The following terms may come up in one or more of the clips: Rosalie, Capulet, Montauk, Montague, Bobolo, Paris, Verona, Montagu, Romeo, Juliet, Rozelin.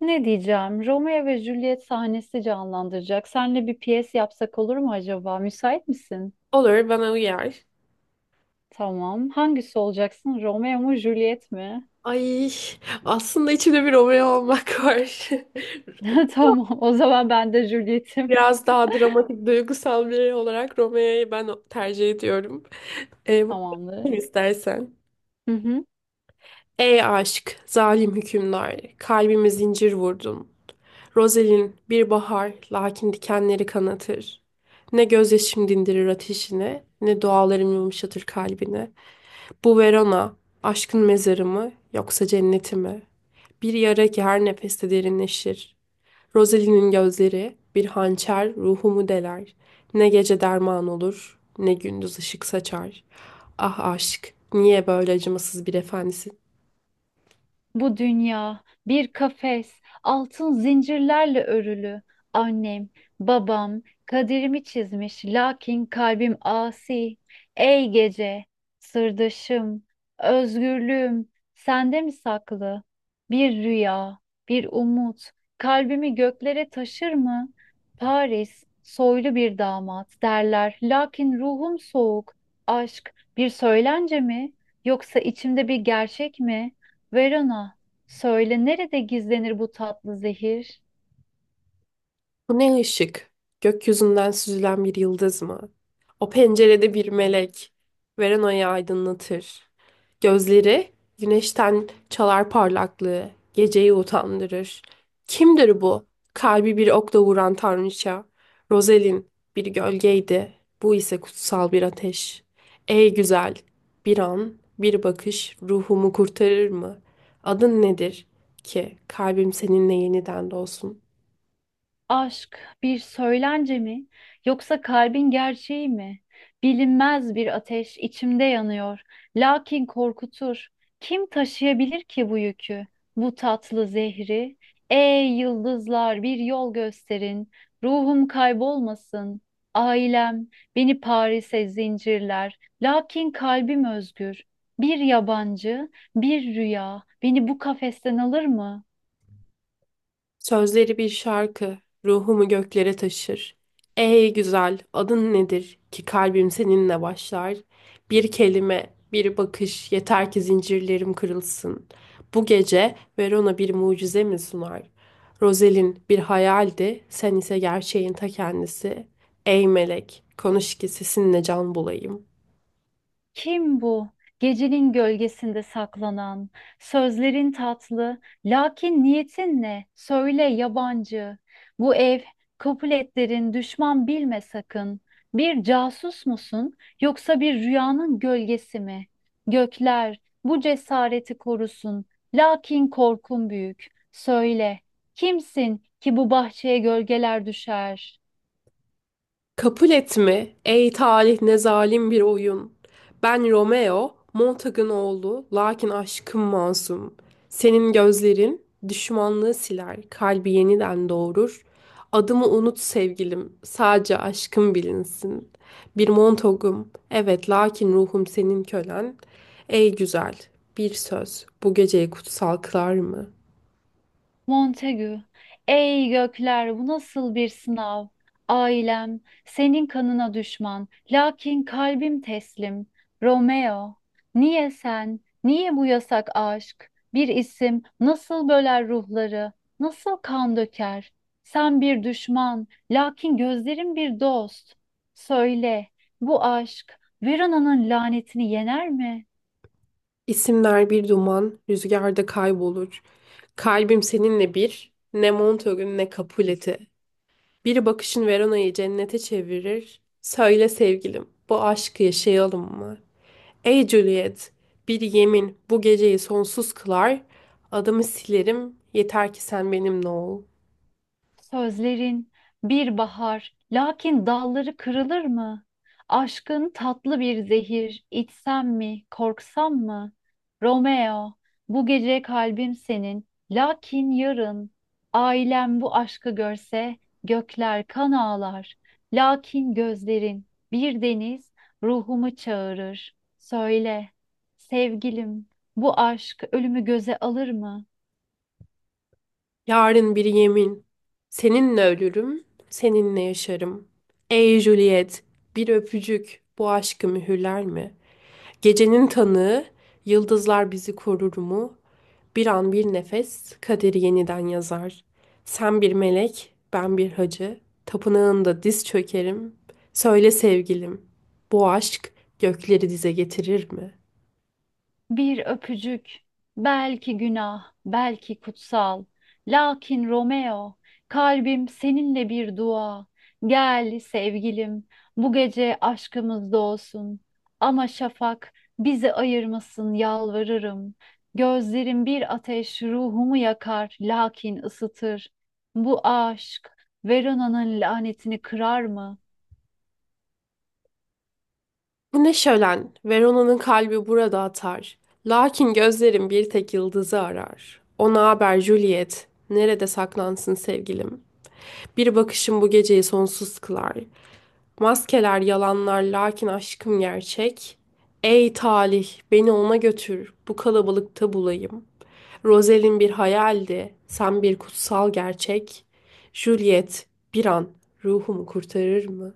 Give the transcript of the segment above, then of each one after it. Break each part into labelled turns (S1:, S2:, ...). S1: Ne diyeceğim? Romeo ve Juliet sahnesi canlandıracak. Seninle bir piyes yapsak olur mu acaba? Müsait misin?
S2: Olur, bana uyar.
S1: Tamam. Hangisi olacaksın? Romeo mu, Juliet mi?
S2: Ay, aslında içimde bir Romeo olmak var.
S1: Tamam. O zaman ben de Juliet'im.
S2: Biraz daha dramatik, duygusal biri olarak Romeo'yu ben tercih ediyorum. Ee, bu-
S1: Tamamdır.
S2: istersen.
S1: Hı hı.
S2: Ey aşk, zalim hükümdar, kalbime zincir vurdun. Rozelin bir bahar, lakin dikenleri kanatır. Ne gözyaşım dindirir ateşine, ne dualarım yumuşatır kalbine. Bu Verona, aşkın mezarı mı yoksa cenneti mi? Bir yara ki her nefeste derinleşir. Rosalie'nin gözleri bir hançer ruhumu deler. Ne gece derman olur, ne gündüz ışık saçar. Ah aşk, niye böyle acımasız bir efendisin?
S1: Bu dünya bir kafes, altın zincirlerle örülü. Annem, babam kaderimi çizmiş, lakin kalbim asi. Ey gece, sırdaşım, özgürlüğüm, sende mi saklı? Bir rüya, bir umut, kalbimi göklere taşır mı? Paris, soylu bir damat derler, lakin ruhum soğuk. Aşk bir söylence mi, yoksa içimde bir gerçek mi? Verona, söyle nerede gizlenir bu tatlı zehir?
S2: Bu ne ışık? Gökyüzünden süzülen bir yıldız mı? O pencerede bir melek. Veranayı aydınlatır. Gözleri güneşten çalar parlaklığı. Geceyi utandırır. Kimdir bu? Kalbi bir okla vuran tanrıça. Rozelin bir gölgeydi. Bu ise kutsal bir ateş. Ey güzel! Bir an, bir bakış ruhumu kurtarır mı? Adın nedir ki kalbim seninle yeniden dolsun?
S1: Aşk bir söylence mi yoksa kalbin gerçeği mi? Bilinmez bir ateş içimde yanıyor. Lakin korkutur. Kim taşıyabilir ki bu yükü? Bu tatlı zehri. Ey yıldızlar bir yol gösterin. Ruhum kaybolmasın. Ailem beni Paris'e zincirler. Lakin kalbim özgür. Bir yabancı, bir rüya beni bu kafesten alır mı?
S2: Sözleri bir şarkı, ruhumu göklere taşır. Ey güzel, adın nedir ki kalbim seninle başlar? Bir kelime, bir bakış, yeter ki zincirlerim kırılsın. Bu gece Verona bir mucize mi sunar? Rozelin bir hayaldi, sen ise gerçeğin ta kendisi. Ey melek, konuş ki sesinle can bulayım.
S1: Kim bu? Gecenin gölgesinde saklanan, sözlerin tatlı, lakin niyetin ne? Söyle yabancı. Bu ev, Capuletlerin düşman bilme sakın. Bir casus musun, yoksa bir rüyanın gölgesi mi? Gökler, bu cesareti korusun, lakin korkun büyük. Söyle, kimsin ki bu bahçeye gölgeler düşer?
S2: Kabul et mi? Ey talih, ne zalim bir oyun. Ben Romeo, Montagın oğlu, lakin aşkım masum. Senin gözlerin düşmanlığı siler, kalbi yeniden doğurur. Adımı unut sevgilim, sadece aşkım bilinsin. Bir Montagım, evet lakin ruhum senin kölen. Ey güzel, bir söz bu geceyi kutsal kılar mı?
S1: Montagu, ey gökler bu nasıl bir sınav? Ailem, senin kanına düşman, lakin kalbim teslim. Romeo, niye sen, niye bu yasak aşk? Bir isim nasıl böler ruhları, nasıl kan döker? Sen bir düşman, lakin gözlerim bir dost. Söyle, bu aşk Verona'nın lanetini yener mi?
S2: İsimler bir duman, rüzgarda kaybolur. Kalbim seninle bir, ne Montauk'un ne Capulet'i. Bir bakışın Verona'yı cennete çevirir. Söyle sevgilim, bu aşkı yaşayalım mı? Ey Juliet, bir yemin bu geceyi sonsuz kılar. Adımı silerim, yeter ki sen benimle ol.
S1: Sözlerin bir bahar, lakin dalları kırılır mı? Aşkın tatlı bir zehir, içsem mi, korksam mı? Romeo, bu gece kalbim senin, lakin yarın ailem bu aşkı görse gökler kan ağlar. Lakin gözlerin bir deniz ruhumu çağırır. Söyle, sevgilim, bu aşk ölümü göze alır mı?
S2: Yarın bir yemin, seninle ölürüm, seninle yaşarım. Ey Juliet, bir öpücük bu aşkı mühürler mi? Gecenin tanığı, yıldızlar bizi korur mu? Bir an, bir nefes, kaderi yeniden yazar. Sen bir melek, ben bir hacı. Tapınağında diz çökerim. Söyle sevgilim, bu aşk gökleri dize getirir mi?
S1: Bir öpücük, belki günah, belki kutsal. Lakin Romeo, kalbim seninle bir dua. Gel sevgilim, bu gece aşkımız doğsun. Ama şafak bizi ayırmasın yalvarırım. Gözlerim bir ateş ruhumu yakar, lakin ısıtır. Bu aşk Verona'nın lanetini kırar mı?
S2: Bu ne şölen, Verona'nın kalbi burada atar. Lakin gözlerim bir tek yıldızı arar. Ona haber Juliet, nerede saklansın sevgilim? Bir bakışım bu geceyi sonsuz kılar. Maskeler yalanlar lakin aşkım gerçek. Ey talih beni ona götür, bu kalabalıkta bulayım. Rozelin bir hayaldi, sen bir kutsal gerçek. Juliet bir an ruhumu kurtarır mı?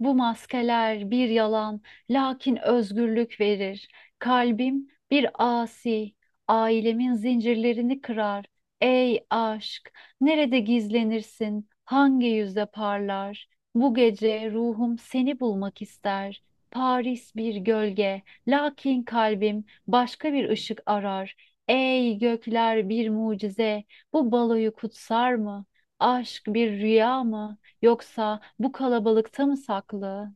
S1: Bu maskeler bir yalan, lakin özgürlük verir. Kalbim bir asi, ailemin zincirlerini kırar. Ey aşk, nerede gizlenirsin, hangi yüzde parlar? Bu gece ruhum seni bulmak ister. Paris bir gölge, lakin kalbim başka bir ışık arar. Ey gökler bir mucize, bu baloyu kutsar mı? Aşk bir rüya mı? Yoksa bu kalabalıkta mı saklı?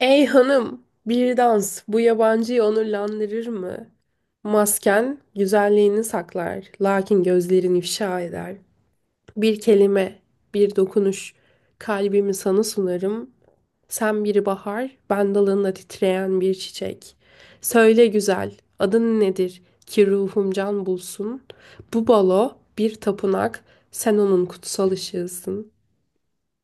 S2: Ey hanım, bir dans bu yabancıyı onurlandırır mı? Masken güzelliğini saklar lakin gözlerin ifşa eder. Bir kelime, bir dokunuş, kalbimi sana sunarım. Sen bir bahar, ben dalında titreyen bir çiçek. Söyle güzel, adın nedir ki ruhum can bulsun? Bu balo bir tapınak, sen onun kutsal ışığısın.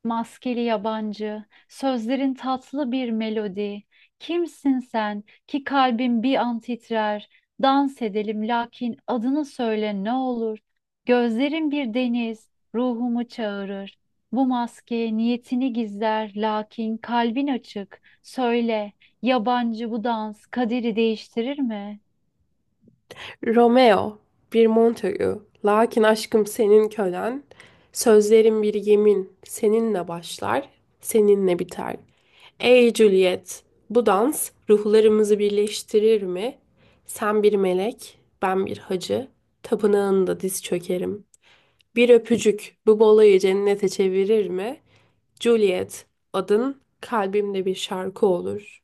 S1: Maskeli yabancı, sözlerin tatlı bir melodi. Kimsin sen ki kalbim bir an titrer? Dans edelim lakin adını söyle ne olur. Gözlerin bir deniz, ruhumu çağırır. Bu maske niyetini gizler lakin kalbin açık. Söyle, yabancı bu dans kaderi değiştirir mi?
S2: Romeo, bir Montague, lakin aşkım senin kölen. Sözlerim bir yemin, seninle başlar, seninle biter. Ey Juliet, bu dans ruhlarımızı birleştirir mi? Sen bir melek, ben bir hacı. Tapınağında diz çökerim. Bir öpücük bu balayı cennete çevirir mi? Juliet, adın kalbimde bir şarkı olur.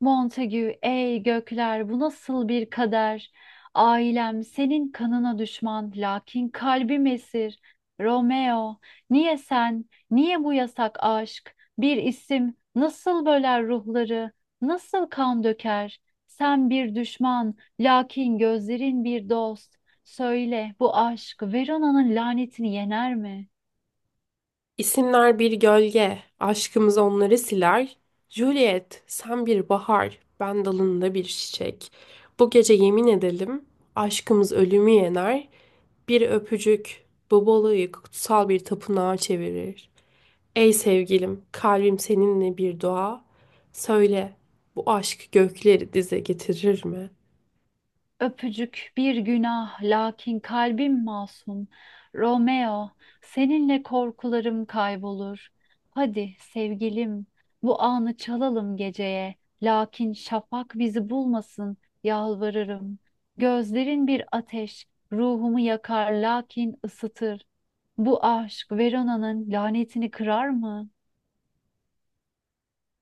S1: Montague, ey gökler bu nasıl bir kader? Ailem senin kanına düşman, lakin kalbim esir. Romeo, niye sen, niye bu yasak aşk? Bir isim nasıl böler ruhları, nasıl kan döker? Sen bir düşman, lakin gözlerin bir dost. Söyle, bu aşk Verona'nın lanetini yener mi?
S2: İsimler bir gölge, aşkımız onları siler. Juliet, sen bir bahar, ben dalında bir çiçek. Bu gece yemin edelim, aşkımız ölümü yener. Bir öpücük Bobolo'yu kutsal bir tapınağa çevirir. Ey sevgilim, kalbim seninle bir dua. Söyle, bu aşk gökleri dize getirir mi?
S1: Öpücük bir günah, lakin kalbim masum. Romeo, seninle korkularım kaybolur. Hadi sevgilim, bu anı çalalım geceye. Lakin şafak bizi bulmasın, yalvarırım. Gözlerin bir ateş, ruhumu yakar lakin ısıtır. Bu aşk Verona'nın lanetini kırar mı?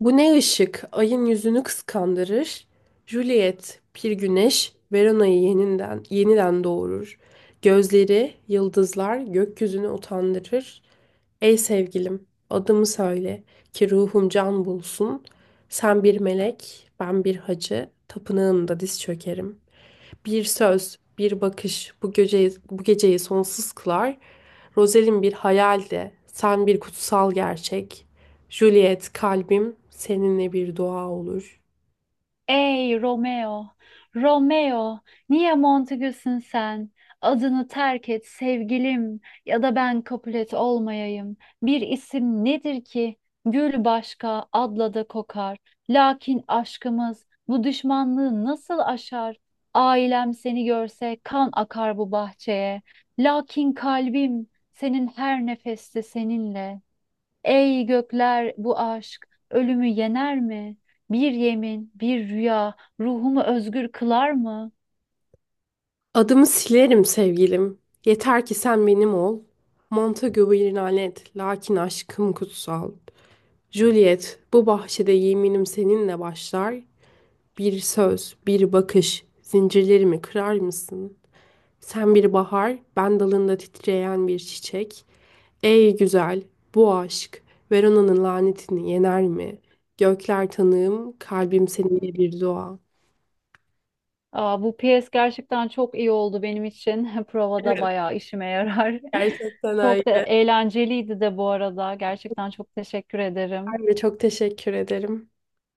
S2: Bu ne ışık? Ayın yüzünü kıskandırır. Juliet, bir güneş, Verona'yı yeniden doğurur. Gözleri, yıldızlar gökyüzünü utandırır. Ey sevgilim, adımı söyle ki ruhum can bulsun. Sen bir melek, ben bir hacı, tapınağında diz çökerim. Bir söz, bir bakış bu geceyi, sonsuz kılar. Rozelin bir hayal de, sen bir kutsal gerçek. Juliet, kalbim seninle bir dua olur.
S1: Ey Romeo, Romeo, niye Montegüs'ün sen? Adını terk et sevgilim ya da ben Capulet olmayayım. Bir isim nedir ki? Gül başka, adla da kokar. Lakin aşkımız bu düşmanlığı nasıl aşar? Ailem seni görse kan akar bu bahçeye. Lakin kalbim senin her nefeste seninle. Ey gökler bu aşk ölümü yener mi? Bir yemin, bir rüya ruhumu özgür kılar mı?
S2: Adımı silerim sevgilim, yeter ki sen benim ol. Montague bir lanet, lakin aşkım kutsal. Juliet, bu bahçede yeminim seninle başlar. Bir söz, bir bakış, zincirlerimi kırar mısın? Sen bir bahar, ben dalında titreyen bir çiçek. Ey güzel, bu aşk Verona'nın lanetini yener mi? Gökler tanığım, kalbim seninle bir dua.
S1: Aa, bu piyes gerçekten çok iyi oldu benim için. Provada
S2: Evet.
S1: bayağı işime yarar.
S2: Gerçekten
S1: Çok da
S2: öyle.
S1: eğlenceliydi de bu arada. Gerçekten çok teşekkür ederim.
S2: Ben de çok teşekkür ederim.